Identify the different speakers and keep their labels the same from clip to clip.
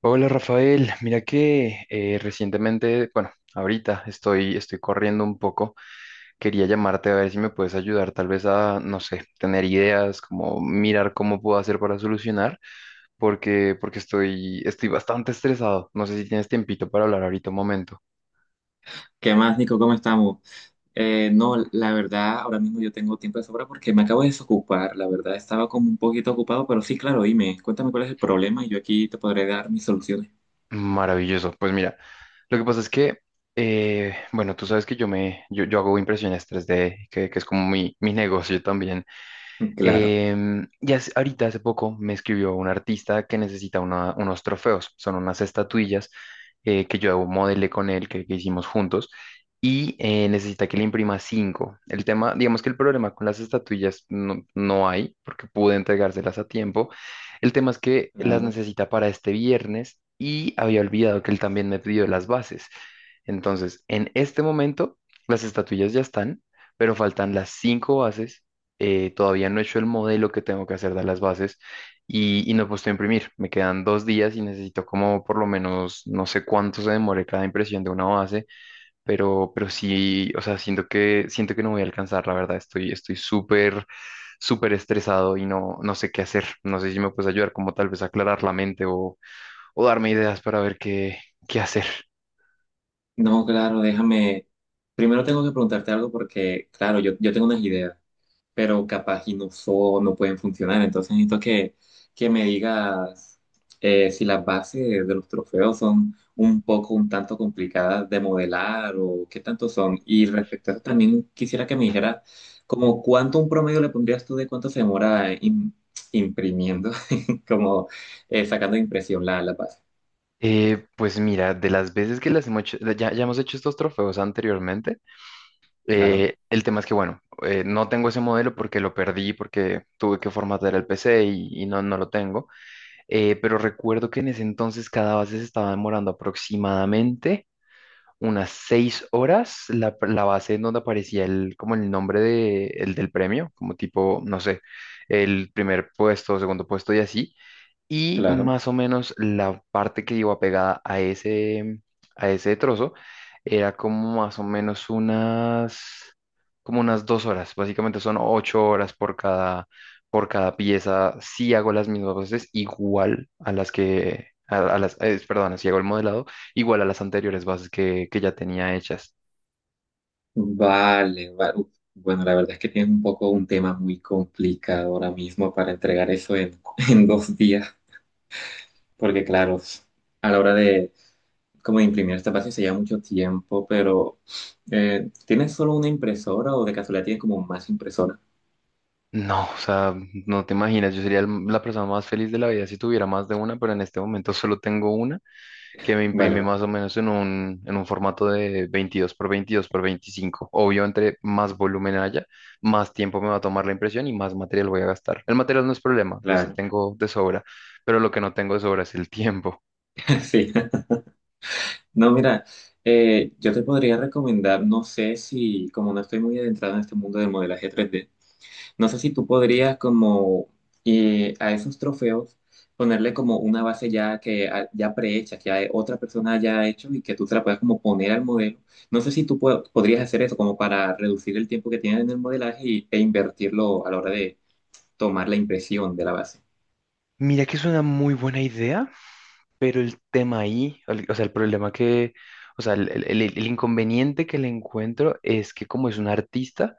Speaker 1: Hola Rafael, mira que recientemente, ahorita estoy corriendo un poco. Quería llamarte a ver si me puedes ayudar, tal vez a, no sé, tener ideas, como mirar cómo puedo hacer para solucionar, porque estoy bastante estresado. No sé si tienes tiempito para hablar ahorita un momento.
Speaker 2: ¿Qué más, Nico? ¿Cómo estamos? No, la verdad, ahora mismo yo tengo tiempo de sobra porque me acabo de desocupar. La verdad, estaba como un poquito ocupado, pero sí, claro, dime, cuéntame cuál es el problema y yo aquí te podré dar mis soluciones.
Speaker 1: Maravilloso. Pues mira, lo que pasa es que, bueno, tú sabes que yo hago impresiones 3D, que es como mi negocio también.
Speaker 2: Claro,
Speaker 1: Ahorita hace poco me escribió un artista que necesita unos trofeos, son unas estatuillas que yo modelé con él, que hicimos juntos, y necesita que le imprima cinco. El tema, digamos que el problema con las estatuillas no hay, porque pude entregárselas a tiempo. El tema es que las
Speaker 2: claro.
Speaker 1: necesita para este viernes y había olvidado que él también me pidió las bases. Entonces, en este momento, las estatuillas ya están, pero faltan las cinco bases. Todavía no he hecho el modelo que tengo que hacer de las bases y no he puesto a imprimir. Me quedan dos días y necesito como por lo menos, no sé cuánto se demore cada impresión de una base, pero sí, o sea, siento que no voy a alcanzar, la verdad, estoy súper, súper estresado y no sé qué hacer. No sé si me puedes ayudar como tal vez a aclarar la mente o darme ideas para ver qué hacer.
Speaker 2: No, claro, déjame. Primero tengo que preguntarte algo porque, claro, yo tengo unas ideas, pero capaz y no, son no pueden funcionar. Entonces necesito que me digas, si las bases de los trofeos son un poco, un tanto complicadas de modelar o qué tanto son. Y respecto a eso también quisiera que me dijeras como cuánto un promedio le pondrías tú de cuánto se demora imprimiendo, como, sacando de impresión la base.
Speaker 1: Pues mira, de las veces que las hemos hecho, ya hemos hecho estos trofeos anteriormente.
Speaker 2: Claro,
Speaker 1: El tema es que, no tengo ese modelo porque lo perdí, porque tuve que formatear el PC y no lo tengo. Pero recuerdo que en ese entonces cada base se estaba demorando aproximadamente unas seis horas. La base en donde aparecía el, como el nombre de, el del premio, como tipo, no sé, el primer puesto, segundo puesto y así, y
Speaker 2: claro.
Speaker 1: más o menos la parte que iba pegada a ese trozo, era como más o menos como unas dos horas. Básicamente son ocho horas por cada pieza. Si hago las mismas bases igual a las que, a las, perdón, si hago el modelado igual a las anteriores bases que ya tenía hechas.
Speaker 2: Vale, bueno, la verdad es que tienes un poco un tema muy complicado ahora mismo para entregar eso en, en dos días, porque claro, a la hora de como de imprimir esta base se lleva mucho tiempo, pero, ¿tienes solo una impresora o de casualidad tienes como más impresora?
Speaker 1: No, o sea, no te imaginas, yo sería la persona más feliz de la vida si tuviera más de una, pero en este momento solo tengo una que me
Speaker 2: Vale,
Speaker 1: imprime
Speaker 2: vale,
Speaker 1: más o menos en en un formato de 22 por 22 por veinticinco. Obvio, entre más volumen haya, más tiempo me va a tomar la impresión y más material voy a gastar. El material no es problema, de ese
Speaker 2: claro,
Speaker 1: tengo de sobra, pero lo que no tengo de sobra es el tiempo.
Speaker 2: sí. No, mira, yo te podría recomendar, no sé si como no estoy muy adentrado en este mundo del modelaje 3D. No sé si tú podrías como, a esos trofeos ponerle como una base ya que ah, ya prehecha, que ya otra persona ya ha hecho y que tú se la puedas como poner al modelo. No sé si tú podrías hacer eso como para reducir el tiempo que tienes en el modelaje y- e invertirlo a la hora de tomar la impresión de la base.
Speaker 1: Mira que es una muy buena idea, pero el tema ahí, o sea, el problema que, o sea, el inconveniente que le encuentro es que como es un artista,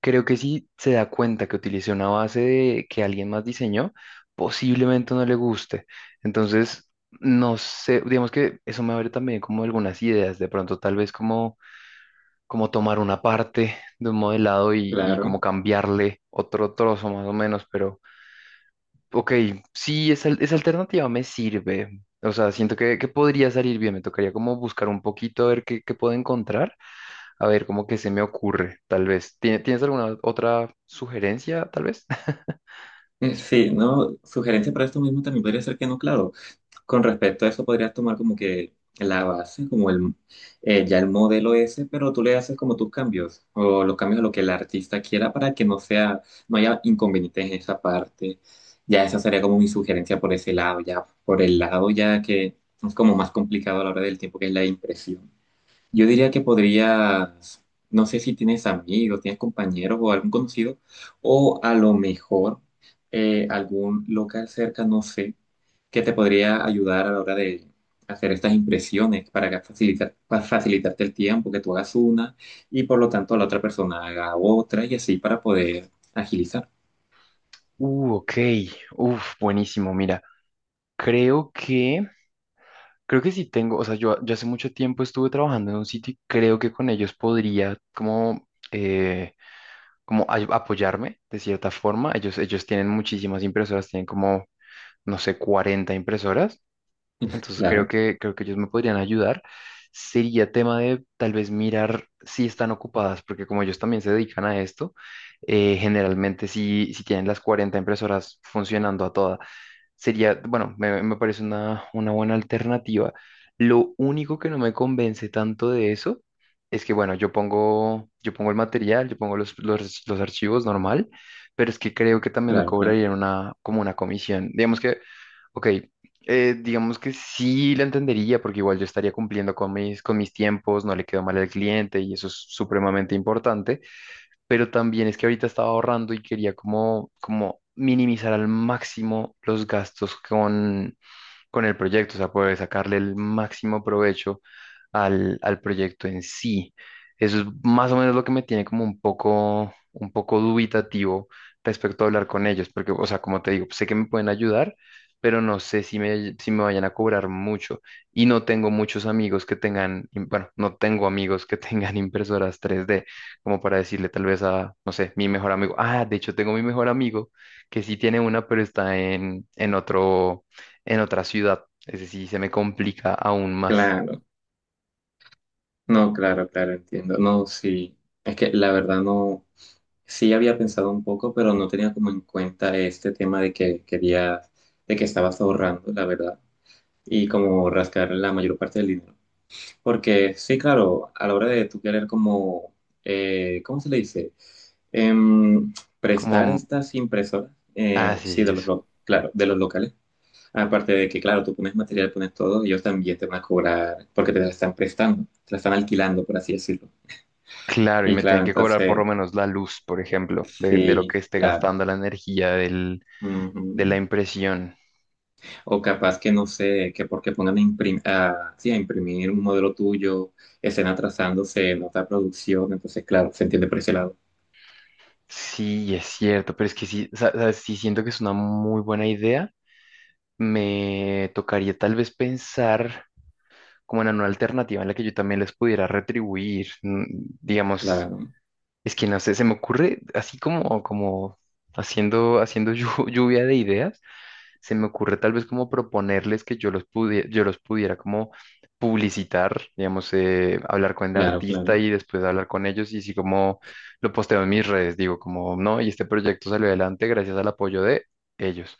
Speaker 1: creo que si se da cuenta que utilicé una base de, que alguien más diseñó, posiblemente no le guste. Entonces, no sé, digamos que eso me abre también como algunas ideas, de pronto tal vez como, como tomar una parte de un modelado y
Speaker 2: Claro.
Speaker 1: como cambiarle otro trozo más o menos, pero ok, sí, esa alternativa me sirve. O sea, siento que podría salir bien, me tocaría como buscar un poquito a ver qué, qué puedo encontrar, a ver, ¿cómo que se me ocurre? Tal vez. Tienes alguna otra sugerencia, tal vez?
Speaker 2: Sí, ¿no? Sugerencia para esto mismo también podría ser que no, claro. Con respecto a eso, podrías tomar como que la base, como el, ya el modelo ese, pero tú le haces como tus cambios o los cambios a lo que el artista quiera para que no sea, no haya inconvenientes en esa parte. Ya esa sería como mi sugerencia por ese lado, ya por el lado ya que es como más complicado a la hora del tiempo, que es la impresión. Yo diría que podrías, no sé si tienes amigos, tienes compañeros o algún conocido, o a lo mejor, algún local cerca, no sé, que te podría ayudar a la hora de hacer estas impresiones para que facilitar, para facilitarte el tiempo, que tú hagas una y por lo tanto la otra persona haga otra y así para poder agilizar.
Speaker 1: Ok. Uf, buenísimo. Mira, creo que, creo que sí tengo, o sea, yo hace mucho tiempo estuve trabajando en un sitio y creo que con ellos podría como, apoyarme de cierta forma. Ellos tienen muchísimas impresoras, tienen como, no sé, 40 impresoras. Entonces
Speaker 2: Claro,
Speaker 1: creo que ellos me podrían ayudar. Sería tema de tal vez mirar si están ocupadas, porque como ellos también se dedican a esto, generalmente si tienen las 40 impresoras funcionando a todas, sería, bueno, me parece una buena alternativa. Lo único que no me convence tanto de eso es que, bueno, yo pongo el material, yo pongo los archivos normal, pero es que creo que también me
Speaker 2: claro, claro,
Speaker 1: cobrarían una, como una comisión. Digamos que, ok, digamos que sí la entendería porque igual yo estaría cumpliendo con mis tiempos, no le quedo mal al cliente y eso es supremamente importante, pero también es que ahorita estaba ahorrando y quería como, como minimizar al máximo los gastos con el proyecto, o sea, puede sacarle el máximo provecho al, al proyecto en sí. Eso es más o menos lo que me tiene como un poco dubitativo respecto a hablar con ellos, porque, o sea, como te digo, sé que me pueden ayudar, pero no sé si me, si me vayan a cobrar mucho. Y no tengo muchos amigos que tengan, no tengo amigos que tengan impresoras 3D, como para decirle tal vez a, no sé, mi mejor amigo. Ah, de hecho, tengo mi mejor amigo que sí tiene una, pero está en otro, en otra ciudad. Es decir, se me complica aún más.
Speaker 2: claro. No, claro, claro, entiendo. No, sí. Es que la verdad no, sí había pensado un poco, pero no tenía como en cuenta este tema de que querías, de que estabas ahorrando, la verdad, y como rascar la mayor parte del dinero. Porque sí, claro, a la hora de tú querer como, ¿cómo se le dice? Em,
Speaker 1: Como,
Speaker 2: prestar
Speaker 1: mm,
Speaker 2: estas impresoras,
Speaker 1: ah, sí,
Speaker 2: sí,
Speaker 1: sí,
Speaker 2: de los,
Speaker 1: eso.
Speaker 2: claro, de los locales. Aparte de que, claro, tú pones material, pones todo, ellos también te van a cobrar porque te la están prestando, te la están alquilando, por así decirlo.
Speaker 1: Claro, y
Speaker 2: Y
Speaker 1: me tienen
Speaker 2: claro,
Speaker 1: que cobrar por
Speaker 2: entonces,
Speaker 1: lo menos la luz, por ejemplo, de lo que
Speaker 2: sí,
Speaker 1: esté
Speaker 2: claro.
Speaker 1: gastando la energía del, de la
Speaker 2: Ujú.
Speaker 1: impresión.
Speaker 2: O capaz que no sé, que porque pongan a, sí, a imprimir un modelo tuyo, estén trazándose en otra producción, entonces, claro, se entiende por ese lado.
Speaker 1: Sí, es cierto, pero es que sí, sí siento que es una muy buena idea. Me tocaría tal vez pensar como en una alternativa en la que yo también les pudiera retribuir. Mm, digamos,
Speaker 2: Claro,
Speaker 1: es que no sé, se me ocurre así como, como haciendo, haciendo lluvia de ideas. Se me ocurre tal vez como proponerles que yo los pudiera como publicitar, digamos, hablar con el
Speaker 2: claro, claro.
Speaker 1: artista y después hablar con ellos, y si como lo posteo en mis redes, digo como, no, y este proyecto salió adelante gracias al apoyo de ellos.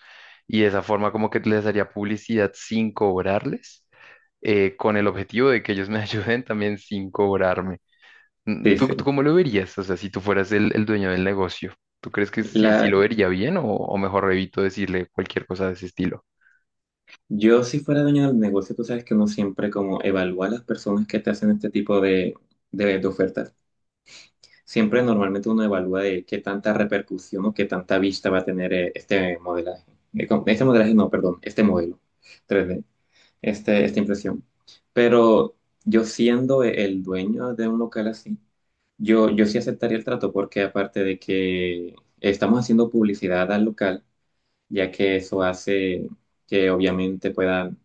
Speaker 1: Y de esa forma como que les haría publicidad sin cobrarles, con el objetivo de que ellos me ayuden también sin cobrarme. Mm,
Speaker 2: Sí,
Speaker 1: Tú
Speaker 2: sí.
Speaker 1: cómo lo verías? O sea, si tú fueras el dueño del negocio, ¿tú crees que sí, sí
Speaker 2: La,
Speaker 1: lo vería bien o mejor evito decirle cualquier cosa de ese estilo?
Speaker 2: yo si fuera dueño del negocio, tú sabes que uno siempre como evalúa a las personas que te hacen este tipo de, de ofertas. Siempre normalmente uno evalúa de qué tanta repercusión o qué tanta vista va a tener, este modelaje. Este modelaje, no, perdón, este modelo 3D, este, esta impresión. Pero yo siendo el dueño de un local así, yo sí aceptaría el trato porque aparte de que estamos haciendo publicidad al local, ya que eso hace que obviamente puedan,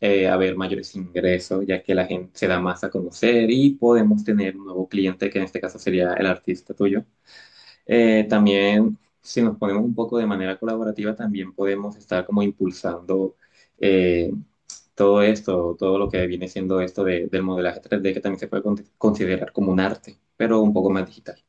Speaker 2: haber mayores ingresos, ya que la gente se da más a conocer y podemos tener un nuevo cliente, que en este caso sería el artista tuyo. También, si nos ponemos un poco de manera colaborativa, también podemos estar como impulsando, eh, todo esto, todo lo que viene siendo esto del modelaje 3D, que también se puede considerar como un arte, pero un poco más digital.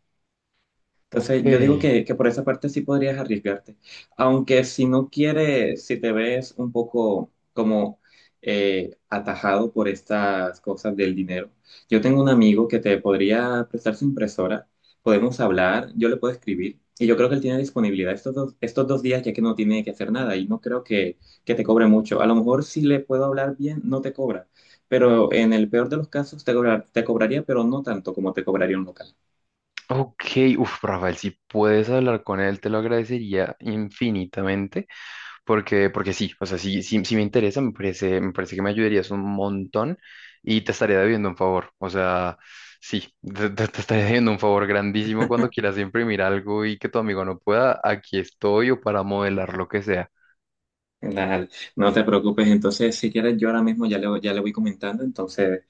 Speaker 1: Ok,
Speaker 2: Entonces, yo digo que por esa parte sí podrías arriesgarte. Aunque si no quieres, si te ves un poco como, atajado por estas cosas del dinero, yo tengo un amigo que te podría prestar su impresora, podemos hablar, yo le puedo escribir y yo creo que él tiene disponibilidad estos dos días ya que no tiene que hacer nada y no creo que te cobre mucho. A lo mejor si le puedo hablar bien, no te cobra, pero en el peor de los casos te te cobraría, pero no tanto como te cobraría un local.
Speaker 1: ok, uf, Rafael, si puedes hablar con él, te lo agradecería infinitamente, porque, porque sí, o sea, sí, sí, sí me interesa, me parece que me ayudarías un montón y te estaré debiendo un favor, o sea, sí, te estaré debiendo un favor grandísimo cuando quieras imprimir algo y que tu amigo no pueda, aquí estoy o para modelar lo que sea.
Speaker 2: Dale, no te preocupes. Entonces, si quieres, yo ahora mismo ya ya le voy comentando. Entonces,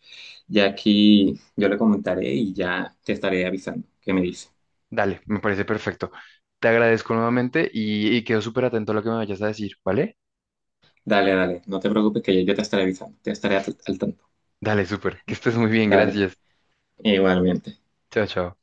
Speaker 2: ya aquí yo le comentaré y ya te estaré avisando. ¿Qué me dice?
Speaker 1: Dale, me parece perfecto. Te agradezco nuevamente y quedo súper atento a lo que me vayas a decir, ¿vale?
Speaker 2: Dale, dale. No te preocupes que yo te estaré avisando. Te estaré al tanto.
Speaker 1: Dale, súper. Que estés muy bien,
Speaker 2: Dale.
Speaker 1: gracias.
Speaker 2: Igualmente.
Speaker 1: Chao, chao.